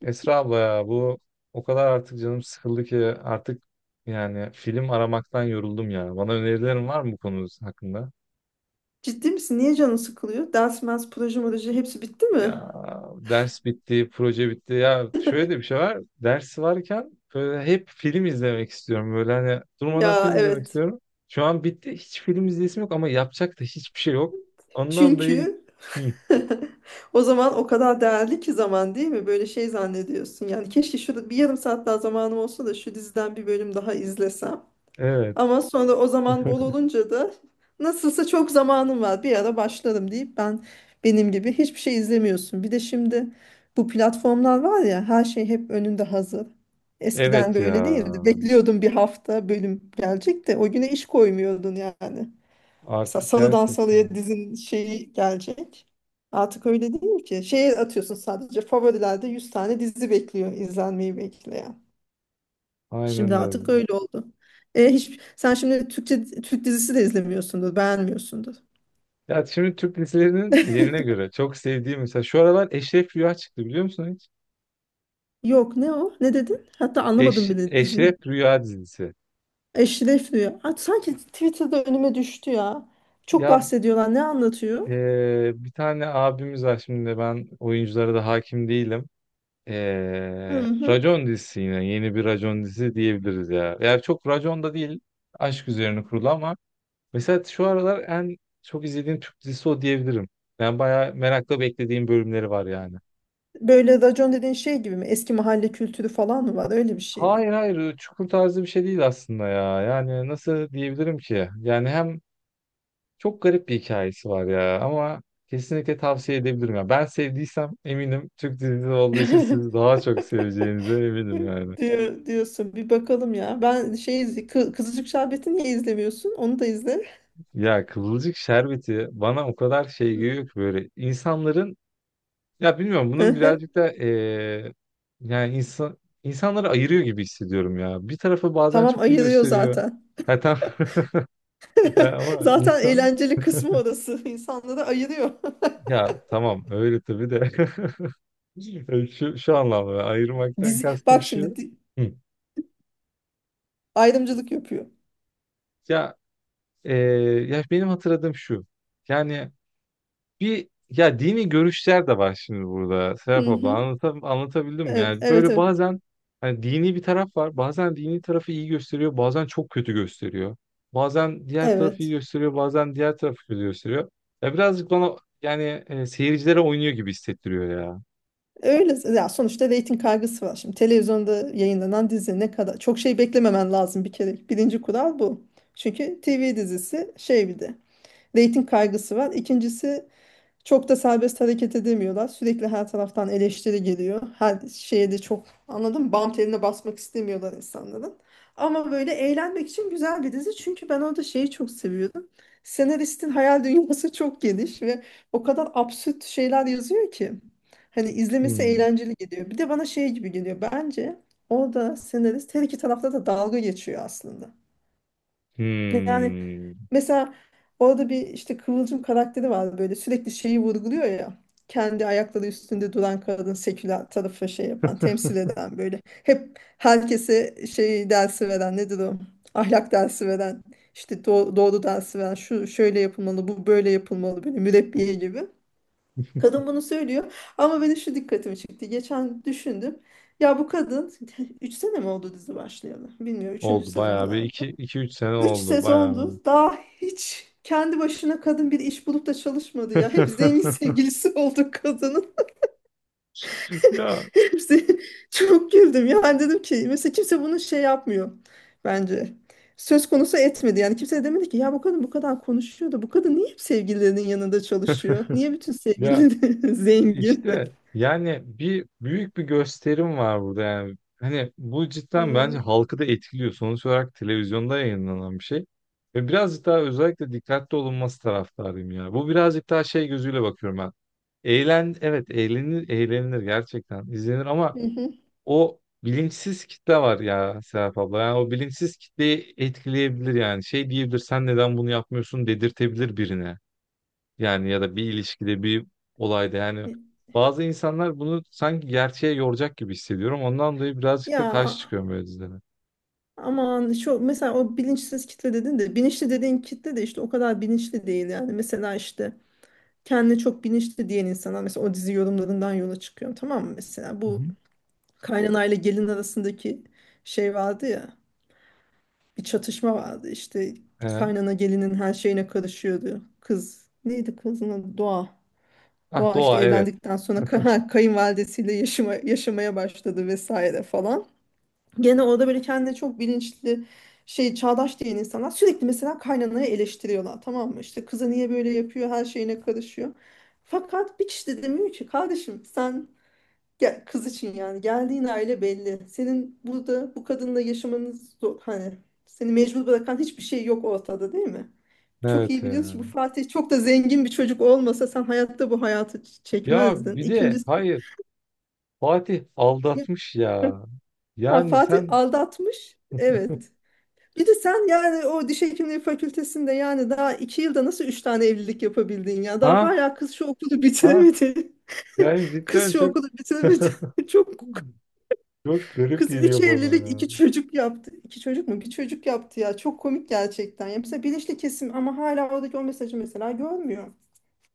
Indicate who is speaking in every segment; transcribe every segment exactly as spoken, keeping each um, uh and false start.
Speaker 1: Esra abla ya bu o kadar artık canım sıkıldı ki artık yani film aramaktan yoruldum ya. Bana önerilerin var mı bu konu hakkında?
Speaker 2: Ciddi misin? Niye canın sıkılıyor? Ders, mers, proje, proje hepsi bitti
Speaker 1: Ya,
Speaker 2: mi?
Speaker 1: ders bitti, proje bitti. Ya şöyle de bir şey var. Ders varken böyle hep film izlemek istiyorum. Böyle hani durmadan
Speaker 2: Ya
Speaker 1: film izlemek
Speaker 2: evet.
Speaker 1: istiyorum. Şu an bitti. Hiç film izleyesim yok ama yapacak da hiçbir şey yok. Ondan dolayı.
Speaker 2: Çünkü
Speaker 1: Hı,
Speaker 2: o zaman o kadar değerli ki zaman değil mi? Böyle şey zannediyorsun. Yani keşke şurada bir yarım saat daha zamanım olsa da şu diziden bir bölüm daha izlesem.
Speaker 1: evet.
Speaker 2: Ama sonra o zaman bol olunca da nasılsa çok zamanım var bir ara başlarım deyip ben benim gibi hiçbir şey izlemiyorsun. Bir de şimdi bu platformlar var ya, her şey hep önünde hazır. Eskiden
Speaker 1: Evet
Speaker 2: böyle
Speaker 1: ya.
Speaker 2: değildi. Bekliyordun bir hafta bölüm gelecek de o güne iş koymuyordun yani. Mesela
Speaker 1: Artık
Speaker 2: salıdan salıya
Speaker 1: gerçekten.
Speaker 2: dizin şeyi gelecek. Artık öyle değil ki. Şeye atıyorsun, sadece favorilerde yüz tane dizi bekliyor, izlenmeyi bekleyen.
Speaker 1: Aynen
Speaker 2: Şimdi
Speaker 1: öyle.
Speaker 2: artık öyle oldu. E, hiç, sen şimdi Türkçe Türk dizisi de izlemiyorsundur, beğenmiyorsundur.
Speaker 1: Ya şimdi Türk dizilerinin yerine göre çok sevdiğim, mesela şu aralar Eşref Rüya çıktı, biliyor musun hiç?
Speaker 2: Yok, ne o? Ne dedin? Hatta anlamadım
Speaker 1: Eş,
Speaker 2: bile diziyi.
Speaker 1: Eşref Rüya dizisi.
Speaker 2: Eşref Rüya. Aa, sanki Twitter'da önüme düştü ya. Çok
Speaker 1: Ya,
Speaker 2: bahsediyorlar. Ne anlatıyor?
Speaker 1: eee, bir tane abimiz var, şimdi ben oyunculara da hakim değilim.
Speaker 2: Hı
Speaker 1: Eee
Speaker 2: hı.
Speaker 1: Racon dizisi, yine yeni bir Racon dizisi diyebiliriz ya. Yani çok Racon da değil, aşk üzerine kurulu ama mesela şu aralar en çok izlediğim Türk dizisi o diyebilirim. Ben bayağı merakla beklediğim bölümleri var yani.
Speaker 2: Böyle racon dediğin şey gibi mi? Eski mahalle kültürü falan mı var? Öyle bir şey mi?
Speaker 1: Hayır, hayır, çukur tarzı bir şey değil aslında ya. Yani nasıl diyebilirim ki? Yani hem çok garip bir hikayesi var ya ama kesinlikle tavsiye edebilirim ya. Ben sevdiysem eminim, Türk dizisi olduğu için siz daha çok seveceğinize eminim yani.
Speaker 2: Diyor, diyorsun. Bir bakalım ya. Ben şey izle, Kı- Kızılcık Şerbeti niye izlemiyorsun? Onu da izle.
Speaker 1: Ya, Kıvılcık Şerbeti bana o kadar şey geliyor ki, böyle insanların, ya bilmiyorum, bunun birazcık da eee, yani insan insanları ayırıyor gibi hissediyorum ya. Bir tarafı bazen
Speaker 2: Tamam,
Speaker 1: çok iyi
Speaker 2: ayırıyor
Speaker 1: gösteriyor.
Speaker 2: zaten.
Speaker 1: Ha, tamam. Ya ama
Speaker 2: Zaten
Speaker 1: insan.
Speaker 2: eğlenceli kısmı orası. İnsanları ayırıyor.
Speaker 1: Ya tamam öyle tabii de. E, şu, şu anlamda ayırmaktan
Speaker 2: Dizi,
Speaker 1: kastım
Speaker 2: bak şimdi
Speaker 1: şu.
Speaker 2: di-
Speaker 1: Hı.
Speaker 2: ayrımcılık yapıyor.
Speaker 1: Ya e, ya benim hatırladığım şu. Yani bir, ya dini görüşler de var şimdi burada. Serap
Speaker 2: Hı
Speaker 1: abla,
Speaker 2: hı.
Speaker 1: anlatam, anlatabildim mi?
Speaker 2: Evet,
Speaker 1: Yani
Speaker 2: evet,
Speaker 1: böyle
Speaker 2: evet.
Speaker 1: bazen hani dini bir taraf var. Bazen dini tarafı iyi gösteriyor. Bazen çok kötü gösteriyor. Bazen diğer tarafı iyi
Speaker 2: Evet.
Speaker 1: gösteriyor. Bazen diğer tarafı kötü gösteriyor. Ya birazcık bana yani e, seyircilere oynuyor gibi hissettiriyor ya.
Speaker 2: Öyle. Ya sonuçta reyting kaygısı var. Şimdi televizyonda yayınlanan dizi ne kadar çok şey beklememen lazım bir kere. Birinci kural bu. Çünkü T V dizisi şey, bir de reyting kaygısı var. İkincisi, çok da serbest hareket edemiyorlar. Sürekli her taraftan eleştiri geliyor. Her şeye de çok, anladın mı? Bam teline basmak istemiyorlar insanların. Ama böyle eğlenmek için güzel bir dizi. Çünkü ben orada şeyi çok seviyordum. Senaristin hayal dünyası çok geniş ve o kadar absürt şeyler yazıyor ki. Hani izlemesi
Speaker 1: Hmm.
Speaker 2: eğlenceli geliyor. Bir de bana şey gibi geliyor. Bence orada senarist her iki tarafta da dalga geçiyor aslında. Yani,
Speaker 1: Hmm.
Speaker 2: mesela orada bir işte Kıvılcım karakteri var, böyle sürekli şeyi vurguluyor ya. Kendi ayakları üstünde duran kadın, seküler tarafı şey yapan, temsil eden böyle. Hep herkese şey dersi veren, nedir o? Ahlak dersi veren, işte do- doğru dersi veren, şu şöyle yapılmalı, bu böyle yapılmalı, böyle mürebbiye gibi. Kadın bunu söylüyor, ama benim şu dikkatimi çekti. Geçen düşündüm. Ya bu kadın üç sene mi oldu dizi başlayalı? Bilmiyorum, üçüncü
Speaker 1: Oldu
Speaker 2: sezon
Speaker 1: bayağı, bir
Speaker 2: herhalde.
Speaker 1: iki, iki üç sene
Speaker 2: Üç
Speaker 1: oldu bayağı.
Speaker 2: sezondu. Daha hiç kendi başına kadın bir iş bulup da çalışmadı ya. Hep zengin sevgilisi oldu kadının.
Speaker 1: Ya,
Speaker 2: Hepsi. Çok güldüm. Yani dedim ki mesela kimse bunu şey yapmıyor bence. Söz konusu etmedi. Yani kimse de demedi ki ya bu kadın bu kadar konuşuyor da bu kadın niye hep sevgililerinin yanında çalışıyor? Niye bütün
Speaker 1: ya
Speaker 2: sevgilileri zengin?
Speaker 1: işte yani bir büyük bir gösterim var burada yani. Hani bu cidden bence
Speaker 2: Hmm.
Speaker 1: halkı da etkiliyor. Sonuç olarak televizyonda yayınlanan bir şey. Ve birazcık daha özellikle dikkatli olunması taraftarıyım ya. Bu birazcık daha şey gözüyle bakıyorum ben. Eğlen, evet, eğlenir, eğlenilir, gerçekten izlenir ama
Speaker 2: Hı hı.
Speaker 1: o bilinçsiz kitle var ya Serap abla. Yani o bilinçsiz kitleyi etkileyebilir yani. Şey diyebilir, sen neden bunu yapmıyorsun dedirtebilir birine. Yani ya da bir ilişkide, bir olayda yani bazı insanlar bunu sanki gerçeğe yoracak gibi hissediyorum. Ondan dolayı birazcık
Speaker 2: Ya
Speaker 1: da karşı çıkıyorum böyle dizilere.
Speaker 2: aman, şu mesela, o bilinçsiz kitle dedin de bilinçli dediğin kitle de işte o kadar bilinçli değil yani. Mesela işte kendini çok bilinçli diyen insanlar, mesela o dizi yorumlarından yola çıkıyorum, tamam mı, mesela
Speaker 1: Hı
Speaker 2: bu
Speaker 1: hı.
Speaker 2: kaynanayla gelin arasındaki şey vardı ya, bir çatışma vardı işte,
Speaker 1: He.
Speaker 2: kaynana gelinin her şeyine karışıyordu, kız neydi, kızın adı Doğa.
Speaker 1: Ah,
Speaker 2: Doğa işte
Speaker 1: doğa, evet.
Speaker 2: evlendikten sonra kay- kayınvalidesiyle yaşama, yaşamaya başladı vesaire falan. Gene orada böyle kendine çok bilinçli, şey, çağdaş diyen insanlar sürekli mesela kaynanayı eleştiriyorlar, tamam mı? İşte kızı niye böyle yapıyor, her şeyine karışıyor. Fakat bir kişi de demiyor ki kardeşim, sen gel, kız için yani, geldiğin aile belli. Senin burada bu kadınla yaşamanız zor- hani, seni mecbur bırakan hiçbir şey yok ortada, değil mi? Çok
Speaker 1: Evet
Speaker 2: iyi biliyoruz ki
Speaker 1: ya.
Speaker 2: bu Fatih çok da zengin bir çocuk olmasa, sen hayatta bu hayatı ç-
Speaker 1: Ya
Speaker 2: çekmezdin.
Speaker 1: bir de
Speaker 2: İkincisi,
Speaker 1: hayır, Fatih aldatmış ya.
Speaker 2: ha,
Speaker 1: Yani
Speaker 2: Fatih
Speaker 1: sen
Speaker 2: aldatmış. Evet. Bir de sen yani o diş hekimliği fakültesinde yani daha iki yılda nasıl üç tane evlilik yapabildin ya? Daha
Speaker 1: ha
Speaker 2: hala kız şu okulu
Speaker 1: ha
Speaker 2: bitiremedi.
Speaker 1: yani cidden
Speaker 2: Kız şu
Speaker 1: çok
Speaker 2: okulu bitiremedi. Çok.
Speaker 1: çok garip
Speaker 2: Kız üç
Speaker 1: geliyor bana
Speaker 2: evlilik,
Speaker 1: ya.
Speaker 2: iki çocuk yaptı. İki çocuk mu? Bir çocuk yaptı ya. Çok komik gerçekten. Ya mesela bilinçli kesim ama hala oradaki o mesajı mesela görmüyor.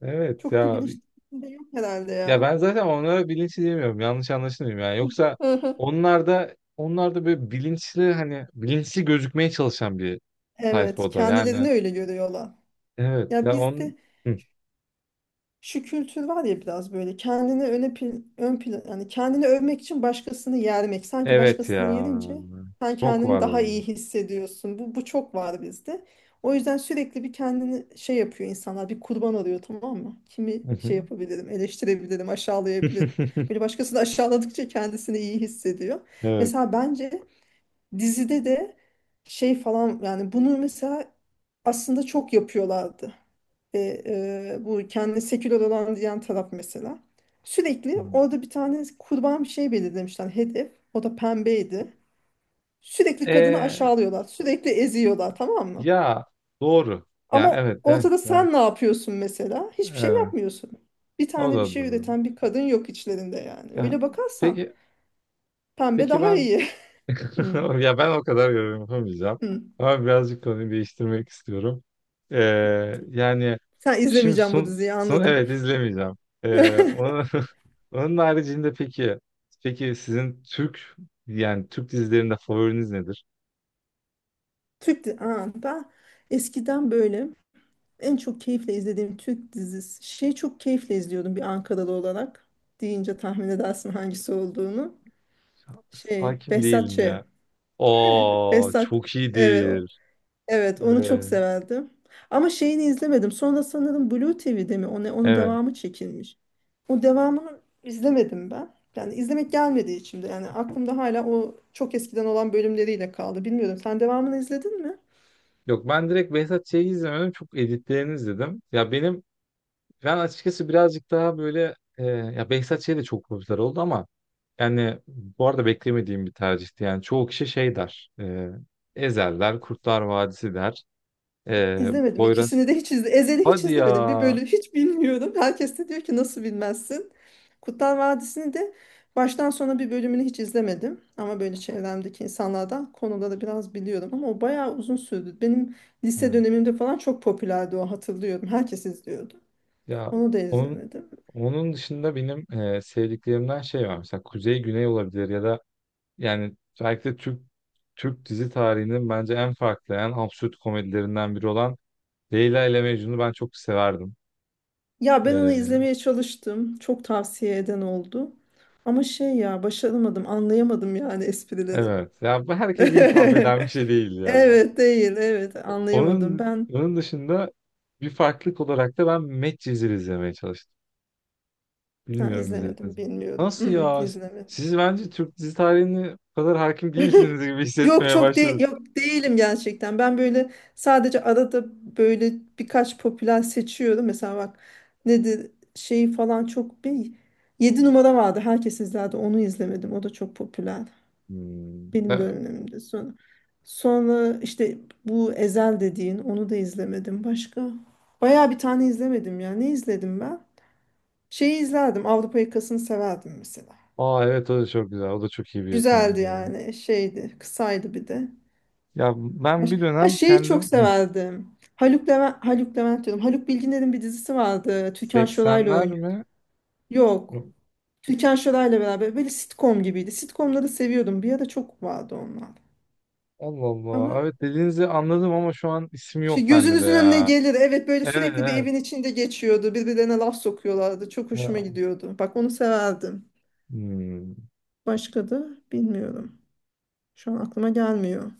Speaker 1: Evet
Speaker 2: Çok da
Speaker 1: ya,
Speaker 2: bilinçli kesim de yok herhalde
Speaker 1: ya
Speaker 2: ya.
Speaker 1: ben zaten onlara bilinçli demiyorum, yanlış anlaşılmayayım yani, yoksa
Speaker 2: Hı hı.
Speaker 1: onlar da onlar da böyle bilinçli, hani bilinçli gözükmeye çalışan bir tayfa
Speaker 2: Evet,
Speaker 1: o da yani
Speaker 2: kendilerini öyle görüyorlar.
Speaker 1: evet
Speaker 2: Ya
Speaker 1: ya on
Speaker 2: bizde
Speaker 1: Hı.
Speaker 2: şu kültür var ya, biraz böyle kendini öne pl- ön plan, yani kendini övmek için başkasını yermek, sanki
Speaker 1: Evet
Speaker 2: başkasını
Speaker 1: ya,
Speaker 2: yerince sen
Speaker 1: çok
Speaker 2: kendini
Speaker 1: var o
Speaker 2: daha
Speaker 1: ya.
Speaker 2: iyi hissediyorsun, bu bu çok var bizde. O yüzden sürekli bir kendini şey yapıyor insanlar, bir kurban arıyor, tamam mı, kimi
Speaker 1: Hı hı.
Speaker 2: şey yapabilirim, eleştirebilirim, aşağılayabilirim, böyle başkasını aşağıladıkça kendisini iyi hissediyor.
Speaker 1: Evet.
Speaker 2: Mesela bence dizide de şey falan, yani bunu mesela aslında çok yapıyorlardı, ve e, bu kendine seküler olan diyen taraf mesela. Sürekli orada bir tane kurban, bir şey belirlemişler hedef. O da pembeydi. Sürekli kadını
Speaker 1: E,
Speaker 2: aşağılıyorlar. Sürekli eziyorlar, tamam mı?
Speaker 1: ya doğru. Ya,
Speaker 2: Ama
Speaker 1: evet, evet.
Speaker 2: ortada
Speaker 1: Yani,
Speaker 2: sen ne yapıyorsun mesela? Hiçbir şey
Speaker 1: evet.
Speaker 2: yapmıyorsun. Bir
Speaker 1: O
Speaker 2: tane bir
Speaker 1: da
Speaker 2: şey
Speaker 1: doğru.
Speaker 2: üreten bir kadın yok içlerinde yani.
Speaker 1: Ya
Speaker 2: Öyle bakarsan
Speaker 1: peki,
Speaker 2: pembe
Speaker 1: peki
Speaker 2: daha
Speaker 1: ben.
Speaker 2: iyi. Hı,
Speaker 1: Ya ben o kadar yorum yapamayacağım.
Speaker 2: hı.
Speaker 1: Ama birazcık konuyu değiştirmek istiyorum. Ee, yani
Speaker 2: Sen
Speaker 1: şimdi
Speaker 2: izlemeyeceğim bu
Speaker 1: Sun
Speaker 2: diziyi,
Speaker 1: son,
Speaker 2: anladım.
Speaker 1: evet, izlemeyeceğim. Ee, onun, onun haricinde peki, peki sizin Türk yani Türk dizilerinde favoriniz nedir?
Speaker 2: Türk di- aa, ben eskiden böyle. En çok keyifle izlediğim Türk dizisi, şey, çok keyifle izliyordum bir Ankaralı olarak. Deyince tahmin edersin hangisi olduğunu. Şey,
Speaker 1: Hakim
Speaker 2: Behzat Ç.
Speaker 1: değilim ya. Oo,
Speaker 2: Behzat.
Speaker 1: çok
Speaker 2: Evet, o-
Speaker 1: iyidir.
Speaker 2: evet, onu çok
Speaker 1: Evet.
Speaker 2: severdim. Ama şeyini izlemedim. Sonra sanırım Blue T V'de mi? Onu, onun
Speaker 1: Evet.
Speaker 2: devamı çekilmiş. O devamını izlemedim ben. Yani izlemek gelmedi içimde. Yani aklımda hala o çok eskiden olan bölümleriyle kaldı. Bilmiyorum. Sen devamını izledin mi?
Speaker 1: Yok, ben direkt Behzat Ç'yi izlemedim. Çok editlerini izledim. Ya benim ben açıkçası birazcık daha böyle e, ya Behzat Ç de çok popüler oldu ama yani bu arada beklemediğim bir tercihti. Yani çoğu kişi şey der. E, Ezel der, Kurtlar Vadisi der. E,
Speaker 2: İzlemedim.
Speaker 1: Poyraz.
Speaker 2: İkisini de hiç izle. Ezel'i hiç
Speaker 1: Hadi
Speaker 2: izlemedim. Bir
Speaker 1: ya.
Speaker 2: bölüm hiç bilmiyorum. Herkes de diyor ki nasıl bilmezsin. Kurtlar Vadisi'ni de baştan sona bir bölümünü hiç izlemedim. Ama böyle çevremdeki insanlardan konuları biraz biliyorum. Ama o bayağı uzun sürdü. Benim lise
Speaker 1: Hı.
Speaker 2: dönemimde falan çok popülerdi o, hatırlıyorum. Herkes izliyordu.
Speaker 1: Ya
Speaker 2: Onu da
Speaker 1: onun,
Speaker 2: izlemedim.
Speaker 1: onun dışında benim e, sevdiklerimden şey var. Mesela Kuzey Güney olabilir ya da yani belki de Türk Türk dizi tarihinin bence en farklı, en absürt komedilerinden biri olan Leyla ile Mecnun'u ben çok severdim.
Speaker 2: Ya ben onu
Speaker 1: E,
Speaker 2: izlemeye çalıştım. Çok tavsiye eden oldu. Ama şey ya, başaramadım, anlayamadım yani esprileri.
Speaker 1: evet. Ya bu herkese hitap eden bir şey değil ya.
Speaker 2: Evet değil, evet,
Speaker 1: O-
Speaker 2: anlayamadım
Speaker 1: Onun,
Speaker 2: ben.
Speaker 1: onun dışında bir farklılık olarak da ben Medcezir izlemeye çalıştım.
Speaker 2: Ha,
Speaker 1: Bilmiyorum, izlediniz
Speaker 2: izlemedim,
Speaker 1: mi?
Speaker 2: bilmiyorum. Mm,
Speaker 1: Nasıl
Speaker 2: mm,
Speaker 1: ya?
Speaker 2: izlemedim.
Speaker 1: Siz bence Türk dizi tarihine bu kadar hakim değilsiniz gibi
Speaker 2: Yok,
Speaker 1: hissetmeye
Speaker 2: çok
Speaker 1: başladım.
Speaker 2: değil, yok, değilim gerçekten, ben böyle sadece arada böyle birkaç popüler seçiyorum, mesela bak, nedir şeyi falan, çok bir yedi numara vardı, herkes izlerdi, onu izlemedim, o da çok popüler
Speaker 1: Hmm.
Speaker 2: benim
Speaker 1: Ben-
Speaker 2: dönemimde. Sonra sonra işte bu Ezel dediğin, onu da izlemedim. Başka baya bir tane izlemedim ya, ne izledim ben? Şeyi izlerdim. Avrupa Yakası'nı severdim mesela.
Speaker 1: Aa, evet, o da çok güzel. O da çok iyi bir yapımdır
Speaker 2: Güzeldi
Speaker 1: ya.
Speaker 2: yani. Şeydi. Kısaydı bir de.
Speaker 1: Ya
Speaker 2: Ha,
Speaker 1: ben bir
Speaker 2: ha,
Speaker 1: dönem
Speaker 2: şeyi çok
Speaker 1: kendim. Hı.
Speaker 2: severdim. Haluk Levent, Haluk Levent diyorum. Haluk Bilginer'in bir dizisi vardı. Türkan Şoray'la
Speaker 1: seksenler
Speaker 2: oynuyor.
Speaker 1: mi?
Speaker 2: Yok.
Speaker 1: Yok.
Speaker 2: Türkan Şoray'la beraber. Böyle sitcom gibiydi. Sitcomları seviyordum. Bir ara çok vardı onlar.
Speaker 1: Allah Allah.
Speaker 2: Ama
Speaker 1: Evet, dediğinizi anladım ama şu an isim
Speaker 2: şey,
Speaker 1: yok bende de
Speaker 2: gözünüzün önüne
Speaker 1: ya.
Speaker 2: gelir. Evet, böyle
Speaker 1: Evet,
Speaker 2: sürekli bir
Speaker 1: evet.
Speaker 2: evin içinde geçiyordu. Birbirlerine laf sokuyorlardı. Çok hoşuma
Speaker 1: Ya.
Speaker 2: gidiyordu. Bak onu severdim.
Speaker 1: Hmm.
Speaker 2: Başka da bilmiyorum. Şu an aklıma gelmiyor.